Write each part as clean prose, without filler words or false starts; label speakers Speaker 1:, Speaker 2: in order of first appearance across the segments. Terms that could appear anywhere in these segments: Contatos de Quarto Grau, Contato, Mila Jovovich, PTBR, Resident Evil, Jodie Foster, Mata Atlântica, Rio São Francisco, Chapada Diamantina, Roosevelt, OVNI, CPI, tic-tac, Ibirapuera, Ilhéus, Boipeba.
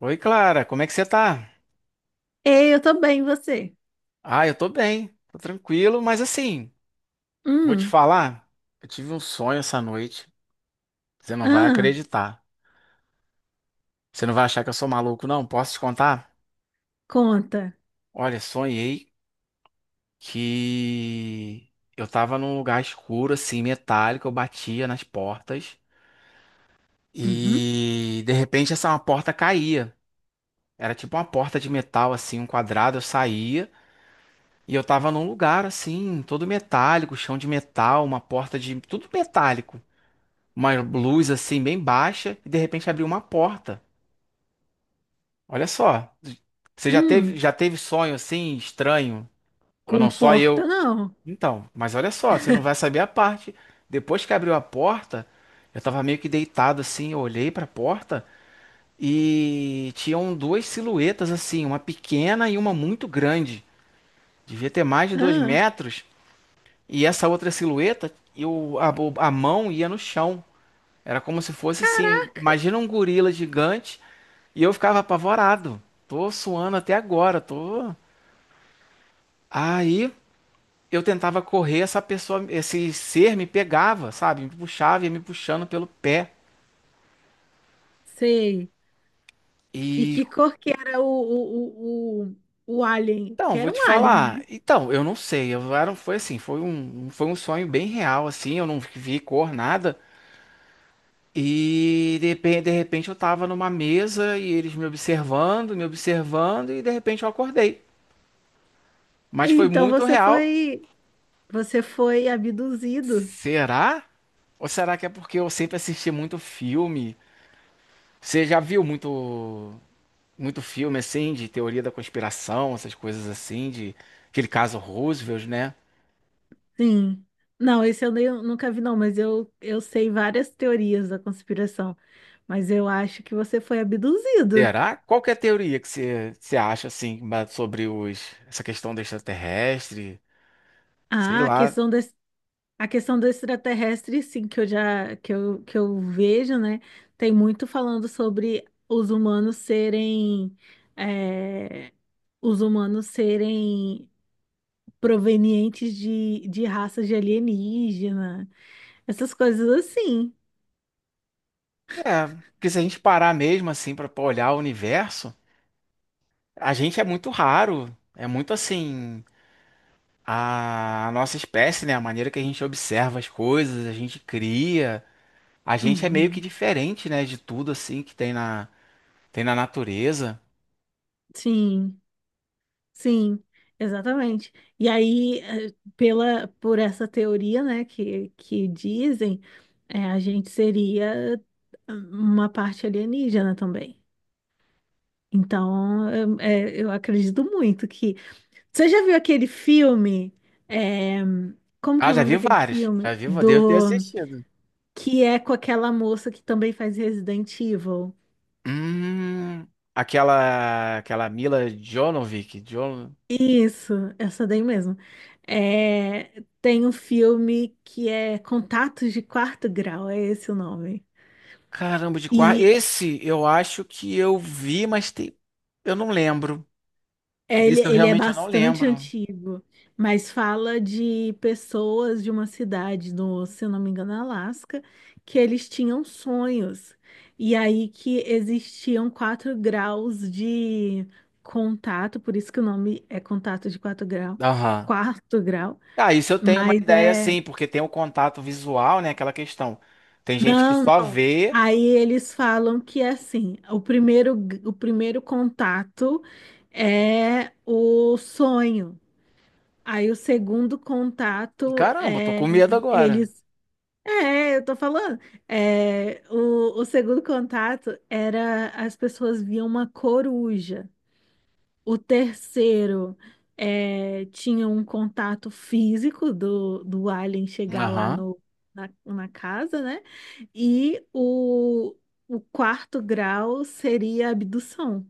Speaker 1: Oi, Clara, como é que você tá?
Speaker 2: Ei, eu tô bem, e você?
Speaker 1: Ah, eu tô bem, tô tranquilo, mas assim, vou te
Speaker 2: Hum,
Speaker 1: falar, eu tive um sonho essa noite, você não vai
Speaker 2: ah,
Speaker 1: acreditar. Você não vai achar que eu sou maluco, não? Posso te contar?
Speaker 2: conta.
Speaker 1: Olha, sonhei que eu tava num lugar escuro, assim, metálico, eu batia nas portas
Speaker 2: Uhum.
Speaker 1: e de repente essa uma porta caía. Era tipo uma porta de metal, assim, um quadrado, eu saía. E eu tava num lugar assim, todo metálico, chão de metal, uma porta de tudo metálico. Uma luz assim bem baixa e de repente abriu uma porta. Olha só, você já teve
Speaker 2: Hum,
Speaker 1: já teve sonho assim estranho? Ou não só
Speaker 2: comporta
Speaker 1: eu?
Speaker 2: não.
Speaker 1: Então, mas olha só, você não vai saber a parte. Depois que abriu a porta, eu tava meio que deitado assim, eu olhei pra porta e tinham duas silhuetas assim, uma pequena e uma muito grande. Devia ter mais de dois
Speaker 2: Ah,
Speaker 1: metros. E essa outra silhueta, eu, a mão ia no chão. Era como se fosse assim,
Speaker 2: caraca,
Speaker 1: imagina um gorila gigante. E eu ficava apavorado. Tô suando até agora, tô. Aí eu tentava correr, essa pessoa, esse ser me pegava, sabe? Me puxava, ia me puxando pelo pé.
Speaker 2: sei. E
Speaker 1: E
Speaker 2: que cor que era o alien?
Speaker 1: então,
Speaker 2: Que
Speaker 1: vou
Speaker 2: era
Speaker 1: te
Speaker 2: um alien,
Speaker 1: falar.
Speaker 2: né?
Speaker 1: Então, eu não sei. Eu era, foi assim, foi um sonho bem real, assim. Eu não vi cor, nada. E de repente eu tava numa mesa e eles me observando, e de repente eu acordei. Mas foi
Speaker 2: Então
Speaker 1: muito
Speaker 2: você
Speaker 1: real.
Speaker 2: foi, você foi abduzido.
Speaker 1: Será? Ou será que é porque eu sempre assisti muito filme. Você já viu muito muito filme assim de teoria da conspiração, essas coisas assim, de aquele caso Roosevelt, né?
Speaker 2: Sim. Não, esse eu nunca vi, não, mas eu sei várias teorias da conspiração. Mas eu acho que você foi abduzido.
Speaker 1: Terá? Qual que é a teoria que você acha assim sobre os essa questão do extraterrestre? Sei
Speaker 2: Ah,
Speaker 1: lá.
Speaker 2: A questão do extraterrestre, sim, que eu já que eu vejo, né? Tem muito falando sobre os humanos serem é, os humanos serem provenientes de raças de alienígena, essas coisas assim.
Speaker 1: É, porque se a gente parar mesmo assim para olhar o universo, a gente é muito raro, é muito assim a nossa espécie, né? A maneira que a gente observa as coisas, a gente cria, a gente é meio que
Speaker 2: Uhum.
Speaker 1: diferente, né, de tudo assim que tem na Tem na natureza?
Speaker 2: Sim. Sim, exatamente. E aí, pela, por essa teoria, né, que dizem, a gente seria uma parte alienígena também. Então, eu acredito muito que. Você já viu aquele filme? eh, Como que é
Speaker 1: Ah,
Speaker 2: o
Speaker 1: já
Speaker 2: nome
Speaker 1: vi
Speaker 2: daquele
Speaker 1: vários. Já
Speaker 2: filme?
Speaker 1: vi, devo ter
Speaker 2: Do
Speaker 1: assistido.
Speaker 2: Que é com aquela moça que também faz Resident Evil.
Speaker 1: Hum, aquela Mila Jovovich.
Speaker 2: Isso, essa daí mesmo. É, tem um filme que é Contatos de Quarto Grau, é esse o nome.
Speaker 1: Caramba, de qual?
Speaker 2: E
Speaker 1: Esse eu acho que eu vi, mas tem. Eu não lembro.
Speaker 2: é,
Speaker 1: Desse eu
Speaker 2: ele é
Speaker 1: realmente eu não
Speaker 2: bastante
Speaker 1: lembro.
Speaker 2: antigo, mas fala de pessoas de uma cidade no, se eu não me engano, Alasca, que eles tinham sonhos. E aí que existiam quatro graus de contato, por isso que o nome é Contato de
Speaker 1: Aham.
Speaker 2: quarto grau,
Speaker 1: Ah, isso eu tenho uma
Speaker 2: mas
Speaker 1: ideia,
Speaker 2: é.
Speaker 1: sim, porque tem o contato visual, né? Aquela questão. Tem gente que
Speaker 2: Não,
Speaker 1: só vê.
Speaker 2: aí eles falam que assim, o primeiro contato é o sonho. Aí o segundo
Speaker 1: E,
Speaker 2: contato
Speaker 1: Caramba, eu tô com
Speaker 2: é
Speaker 1: medo agora.
Speaker 2: eles. É, eu tô falando. É, o segundo contato era as pessoas viam uma coruja. O terceiro tinha um contato físico do alien chegar lá
Speaker 1: Aham.
Speaker 2: no, na casa, né? E o quarto grau seria a abdução.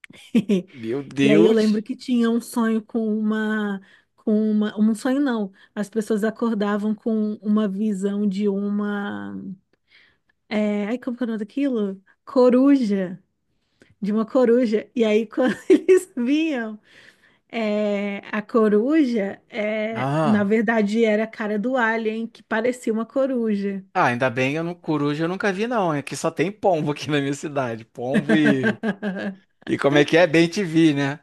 Speaker 1: Meu
Speaker 2: E aí eu
Speaker 1: Deus.
Speaker 2: lembro que tinha um sonho com uma, um sonho não, as pessoas acordavam com uma visão de uma, ai, como que é o nome daquilo? Coruja, de uma coruja. E aí quando eles vinham é, a coruja, é, na
Speaker 1: Aham.
Speaker 2: verdade, era a cara do alien que parecia uma coruja.
Speaker 1: Ah, ainda bem, eu não, coruja eu nunca vi, não. É que só tem pombo aqui na minha cidade. Pombo e. E como é que é? Bem te vi, né?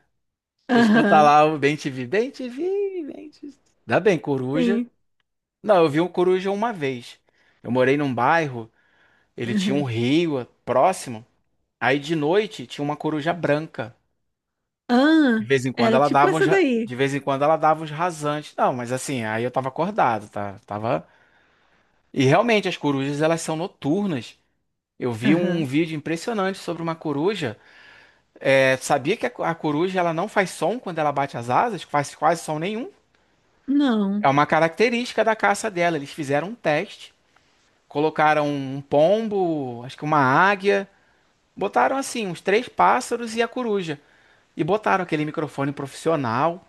Speaker 1: Você escuta
Speaker 2: Aham,
Speaker 1: lá o Bem te vi. Bem te vi, bem te vi. Ainda bem, coruja.
Speaker 2: sim.
Speaker 1: Não, eu vi um coruja uma vez. Eu morei num bairro, ele tinha um
Speaker 2: Aham.
Speaker 1: rio próximo. Aí de noite tinha uma coruja branca. De
Speaker 2: Ah,
Speaker 1: vez em quando
Speaker 2: era
Speaker 1: ela
Speaker 2: tipo
Speaker 1: dava uns.
Speaker 2: essa
Speaker 1: De
Speaker 2: daí.
Speaker 1: vez em quando ela dava uns rasantes. Não, mas assim, aí eu tava acordado, tá? Tava. E realmente as corujas elas são noturnas. Eu vi um
Speaker 2: Aham.
Speaker 1: vídeo impressionante sobre uma coruja. É, sabia que a coruja ela não faz som quando ela bate as asas? Faz quase som nenhum. É
Speaker 2: Não,
Speaker 1: uma característica da caça dela. Eles fizeram um teste, colocaram um pombo, acho que uma águia, botaram assim uns três pássaros e a coruja e botaram aquele microfone profissional.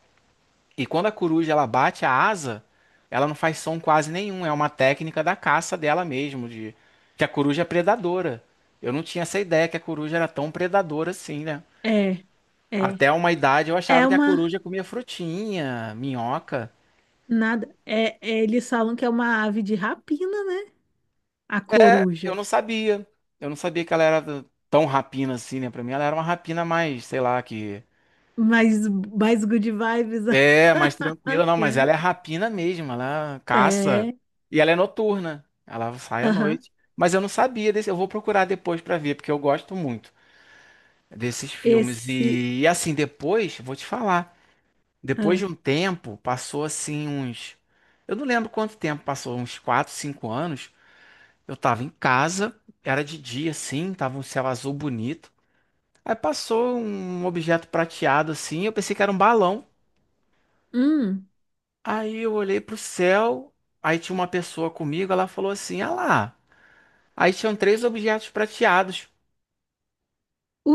Speaker 1: E quando a coruja ela bate a asa, ela não faz som quase nenhum. É uma técnica da caça dela mesmo, de que a coruja é predadora. Eu não tinha essa ideia que a coruja era tão predadora assim, né?
Speaker 2: é, é.
Speaker 1: Até uma idade eu
Speaker 2: É
Speaker 1: achava que a
Speaker 2: uma.
Speaker 1: coruja comia frutinha, minhoca.
Speaker 2: Nada. É, eles falam que é uma ave de rapina, né? A
Speaker 1: Eu
Speaker 2: coruja.
Speaker 1: não sabia. Eu não sabia que ela era tão rapina assim, né? Pra mim ela era uma rapina mais, sei lá, que.
Speaker 2: Mais, mais good vibes.
Speaker 1: É, mais
Speaker 2: A
Speaker 1: tranquila, não, mas
Speaker 2: rapina.
Speaker 1: ela é rapina mesmo, ela caça.
Speaker 2: É.
Speaker 1: E ela é noturna. Ela sai à
Speaker 2: Aham.
Speaker 1: noite. Mas eu não sabia desse. Eu vou procurar depois pra ver, porque eu gosto muito desses filmes.
Speaker 2: Esse.
Speaker 1: E assim, depois, vou te falar. Depois
Speaker 2: Ah,
Speaker 1: de um tempo, passou assim uns. Eu não lembro quanto tempo passou, uns 4, 5 anos. Eu tava em casa, era de dia assim, tava um céu azul bonito. Aí passou um objeto prateado assim, eu pensei que era um balão.
Speaker 2: hum.
Speaker 1: Aí eu olhei pro céu, aí tinha uma pessoa comigo, ela falou assim: "Ah lá". Aí tinham três objetos prateados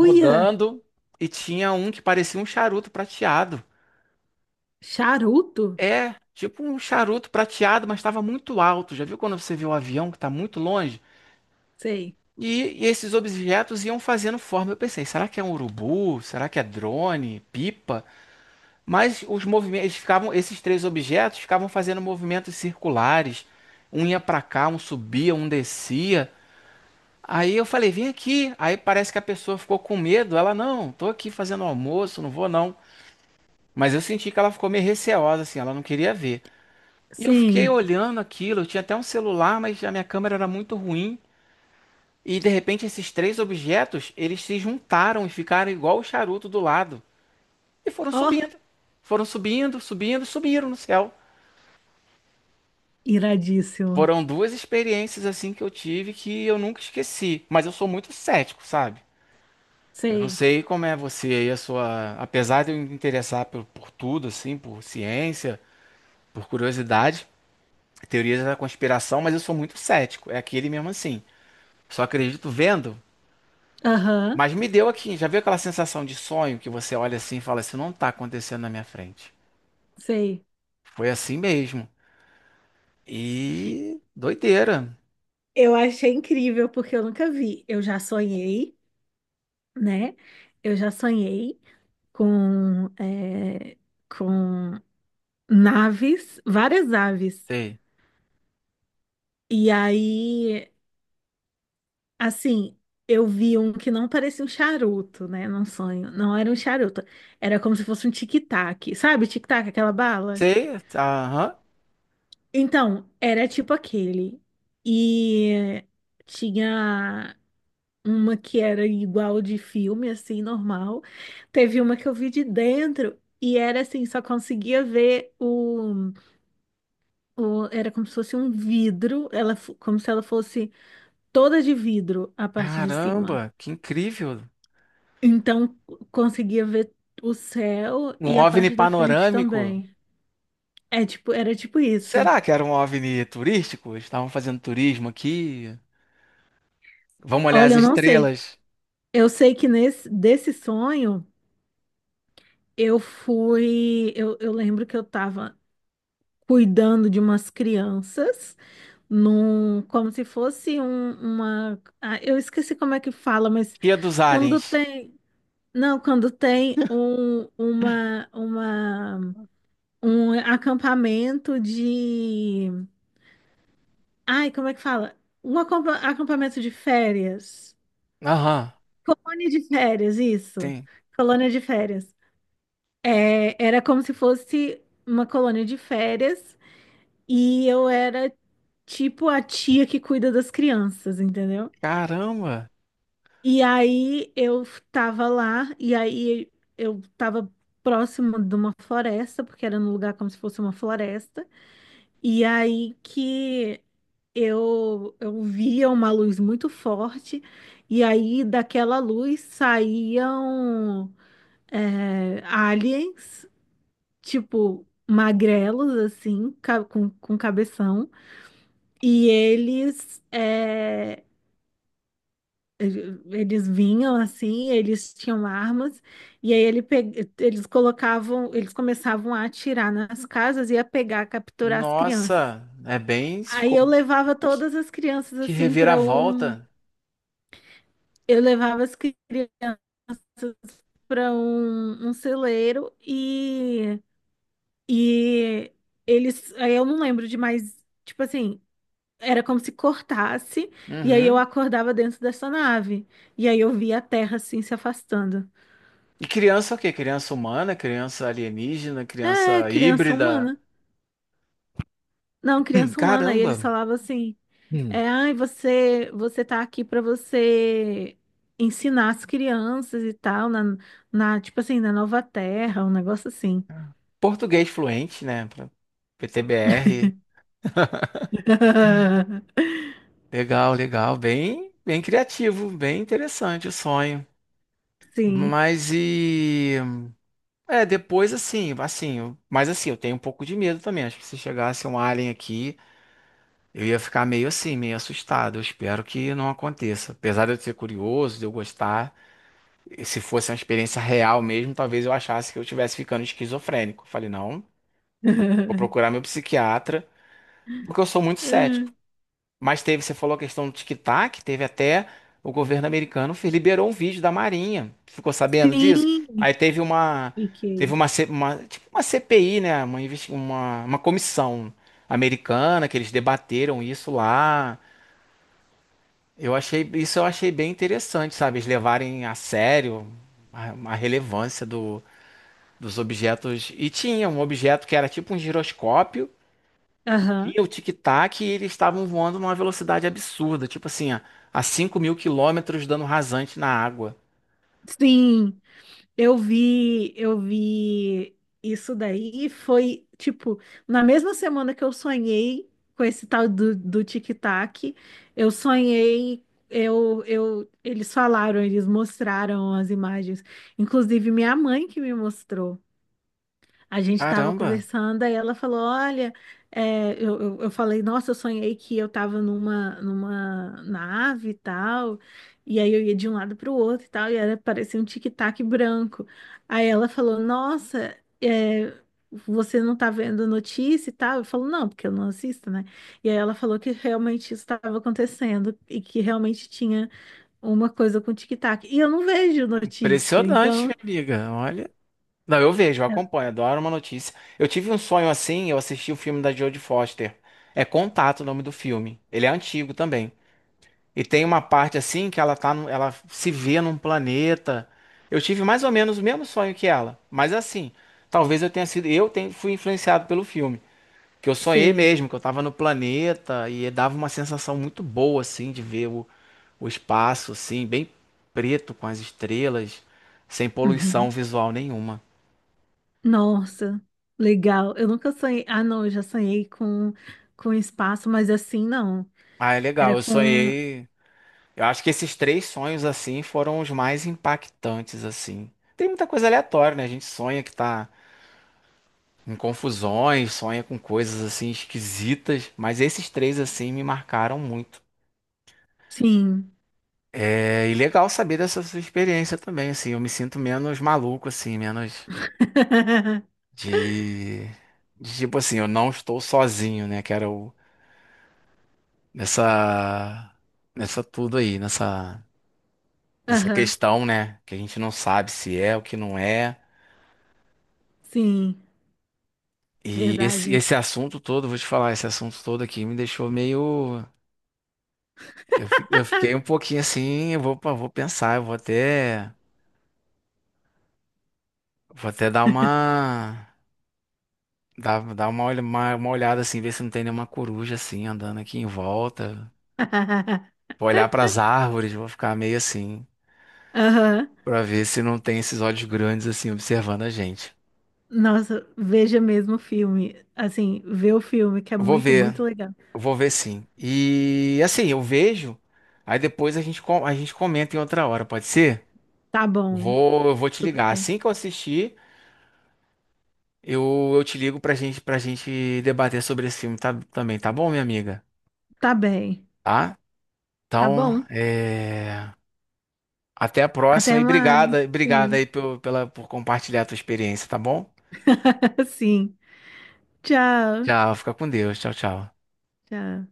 Speaker 2: Uia!
Speaker 1: e tinha um que parecia um charuto prateado.
Speaker 2: Charuto?
Speaker 1: É, tipo um charuto prateado, mas estava muito alto. Já viu quando você vê o avião que tá muito longe?
Speaker 2: Sei.
Speaker 1: E esses objetos iam fazendo forma. Eu pensei, será que é um urubu? Será que é drone? Pipa? Mas os movimentos eles ficavam, esses três objetos ficavam fazendo movimentos circulares. Um ia para cá, um subia, um descia. Aí eu falei, vem aqui. Aí parece que a pessoa ficou com medo. Ela, não, tô aqui fazendo almoço, não vou não. Mas eu senti que ela ficou meio receosa, assim, ela não queria ver. E eu fiquei
Speaker 2: Sim.
Speaker 1: olhando aquilo. Eu tinha até um celular, mas a minha câmera era muito ruim. E de repente esses três objetos, eles se juntaram e ficaram igual o charuto do lado. E foram
Speaker 2: Ó,
Speaker 1: subindo. Foram subindo, subindo, subiram no céu.
Speaker 2: iradíssimo.
Speaker 1: Foram duas experiências assim que eu tive que eu nunca esqueci. Mas eu sou muito cético, sabe? Eu não
Speaker 2: Sei.
Speaker 1: sei como é você aí, a sua. Apesar de eu me interessar por tudo, assim, por ciência, por curiosidade, teorias da conspiração, mas eu sou muito cético. É aquele mesmo assim. Só acredito vendo.
Speaker 2: Aham,
Speaker 1: Mas me deu aqui, já viu aquela sensação de sonho que você olha assim e fala, isso não tá acontecendo na minha frente.
Speaker 2: sei.
Speaker 1: Foi assim mesmo. E doideira.
Speaker 2: Eu achei incrível porque eu nunca vi. Eu já sonhei, né? Eu já sonhei com, com naves, várias aves.
Speaker 1: Sei.
Speaker 2: E aí, assim, eu vi um que não parecia um charuto, né? Num sonho. Não era um charuto. Era como se fosse um tic-tac. Sabe, tic-tac, aquela bala?
Speaker 1: Sei, tá, aham.
Speaker 2: Então, era tipo aquele. E tinha uma que era igual de filme, assim, normal. Teve uma que eu vi de dentro e era assim, só conseguia ver era como se fosse um vidro, como se ela fosse toda de vidro a parte de cima.
Speaker 1: Caramba, que incrível.
Speaker 2: Então, conseguia ver o céu
Speaker 1: Um
Speaker 2: e a
Speaker 1: OVNI
Speaker 2: parte da frente
Speaker 1: panorâmico.
Speaker 2: também. É tipo, era tipo isso.
Speaker 1: Será que era um OVNI turístico? Estavam fazendo turismo aqui. Vamos olhar as
Speaker 2: Olha, eu não sei.
Speaker 1: estrelas.
Speaker 2: Eu sei que nesse desse sonho eu fui, eu lembro que eu estava cuidando de umas crianças num, como se fosse ah, eu esqueci como é que fala, mas
Speaker 1: Guia dos
Speaker 2: quando
Speaker 1: aliens.
Speaker 2: tem, não, quando tem um acampamento de, ai, como é que fala? Um acampamento de férias,
Speaker 1: Aham,
Speaker 2: colônia de férias, isso,
Speaker 1: tem.
Speaker 2: colônia de férias. É, era como se fosse uma colônia de férias e eu era tipo a tia que cuida das crianças, entendeu?
Speaker 1: Caramba.
Speaker 2: E aí eu tava lá, e aí eu tava próximo de uma floresta, porque era num lugar como se fosse uma floresta. E aí que eu via uma luz muito forte, e aí daquela luz saíam aliens, tipo magrelos, assim, com cabeção. E eles, é, eles vinham assim, eles tinham armas, e aí eles colocavam, eles começavam a atirar nas casas e a pegar, capturar as crianças.
Speaker 1: Nossa, é bem,
Speaker 2: Aí
Speaker 1: ficou
Speaker 2: eu levava todas as crianças
Speaker 1: que
Speaker 2: assim para um,
Speaker 1: reviravolta.
Speaker 2: eu levava as crianças para um celeiro e eles, aí eu não lembro de mais, tipo assim, era como se cortasse, e aí eu
Speaker 1: Uhum.
Speaker 2: acordava dentro dessa nave. E aí eu via a Terra assim se afastando.
Speaker 1: E criança o quê? Criança humana, criança alienígena,
Speaker 2: É,
Speaker 1: criança
Speaker 2: criança
Speaker 1: híbrida.
Speaker 2: humana. Não, criança humana. E eles
Speaker 1: Caramba!
Speaker 2: falavam assim:
Speaker 1: Hum.
Speaker 2: é, ai, você tá aqui para você ensinar as crianças e tal, tipo assim, na Nova Terra, um negócio assim.
Speaker 1: Português fluente, né? PTBR. Legal, legal. Bem, bem criativo, bem interessante o sonho.
Speaker 2: Sim.
Speaker 1: Mas e. É, depois assim, assim, mas assim, eu tenho um pouco de medo também. Acho que se chegasse um alien aqui, eu ia ficar meio assim, meio assustado. Eu espero que não aconteça. Apesar de eu ser curioso, de eu gostar. Se fosse uma experiência real mesmo, talvez eu achasse que eu estivesse ficando esquizofrênico. Falei, não, vou procurar meu psiquiatra, porque eu sou muito cético. Mas teve, você falou a questão do tic-tac, teve até o governo americano liberou um vídeo da Marinha. Ficou sabendo disso?
Speaker 2: Sim,
Speaker 1: Aí teve uma
Speaker 2: fiquei.
Speaker 1: tipo uma CPI, né, uma, uma comissão americana que eles debateram isso lá. Eu achei bem interessante, sabe? Eles levarem a sério a relevância do dos objetos. E tinha um objeto que era tipo um giroscópio,
Speaker 2: Aham.
Speaker 1: e o tic-tac, e eles estavam voando numa velocidade absurda, tipo assim, a 5 mil quilômetros dando rasante na água.
Speaker 2: Sim. Eu vi isso daí e foi, tipo, na mesma semana que eu sonhei com esse tal do tic-tac, eu sonhei, eles falaram, eles mostraram as imagens, inclusive minha mãe que me mostrou. A gente estava
Speaker 1: Caramba,
Speaker 2: conversando, aí ela falou: Olha, eu falei, nossa, eu sonhei que eu estava numa nave e tal, e aí eu ia de um lado para o outro e tal, e era, parecia um tic-tac branco. Aí ela falou: Nossa, é, você não tá vendo notícia e tal? Eu falo: Não, porque eu não assisto, né? E aí ela falou que realmente isso estava acontecendo e que realmente tinha uma coisa com tic-tac. E eu não vejo notícia,
Speaker 1: impressionante,
Speaker 2: então,
Speaker 1: minha amiga. Olha. Não, eu vejo, eu acompanho, adoro uma notícia. Eu tive um sonho assim, eu assisti o filme da Jodie Foster. É Contato o nome do filme. Ele é antigo também. E tem uma parte assim que ela tá, ela se vê num planeta. Eu tive mais ou menos o mesmo sonho que ela, mas assim, talvez eu tenha sido, eu tenha, fui influenciado pelo filme, que eu sonhei
Speaker 2: sei.
Speaker 1: mesmo, que eu tava no planeta e dava uma sensação muito boa assim de ver o espaço assim, bem preto com as estrelas, sem poluição
Speaker 2: Uhum.
Speaker 1: visual nenhuma.
Speaker 2: Nossa, legal. Eu nunca sonhei. Ah, não, eu já sonhei com espaço, mas assim não.
Speaker 1: Ah, é
Speaker 2: Era
Speaker 1: legal. Eu
Speaker 2: com.
Speaker 1: sonhei. Eu acho que esses três sonhos assim foram os mais impactantes assim. Tem muita coisa aleatória, né? A gente sonha que tá em confusões, sonha com coisas assim esquisitas, mas esses três assim me marcaram muito.
Speaker 2: Sim.
Speaker 1: É, e legal saber dessa sua experiência também, assim, eu me sinto menos maluco assim, menos de, de tipo assim, eu não estou sozinho, né, que era o nessa nessa tudo aí, nessa
Speaker 2: Aham,
Speaker 1: questão, né, que a gente não sabe se é o que não é.
Speaker 2: sim,
Speaker 1: E esse
Speaker 2: verdade.
Speaker 1: esse assunto todo, vou te falar, esse assunto todo aqui me deixou meio. Eu fiquei um pouquinho assim, vou pensar, eu vou até dar uma, dar, dar uma, olha- uma olhada assim, ver se não tem nenhuma coruja assim andando aqui em volta. Vou olhar para as árvores, vou ficar meio assim,
Speaker 2: Aham.
Speaker 1: para ver se não tem esses olhos grandes assim observando a gente.
Speaker 2: Nossa, veja mesmo o filme. Assim, vê o filme, que é
Speaker 1: Vou
Speaker 2: muito,
Speaker 1: ver,
Speaker 2: muito legal.
Speaker 1: eu vou ver sim. E assim, eu vejo, aí depois a gente comenta em outra hora, pode ser?
Speaker 2: Tá bom,
Speaker 1: Vou, eu vou te
Speaker 2: tudo
Speaker 1: ligar
Speaker 2: bem.
Speaker 1: assim que eu assistir. Eu te ligo pra gente debater sobre esse filme também, tá bom, minha amiga?
Speaker 2: Tá bem.
Speaker 1: Tá?
Speaker 2: Tá
Speaker 1: Então,
Speaker 2: bom.
Speaker 1: é, até a próxima
Speaker 2: Até
Speaker 1: e
Speaker 2: mais.
Speaker 1: obrigada, obrigada
Speaker 2: Sim.
Speaker 1: aí por compartilhar a tua experiência, tá bom?
Speaker 2: Sim. Tchau.
Speaker 1: Tchau, fica com Deus. Tchau, tchau.
Speaker 2: Tchau.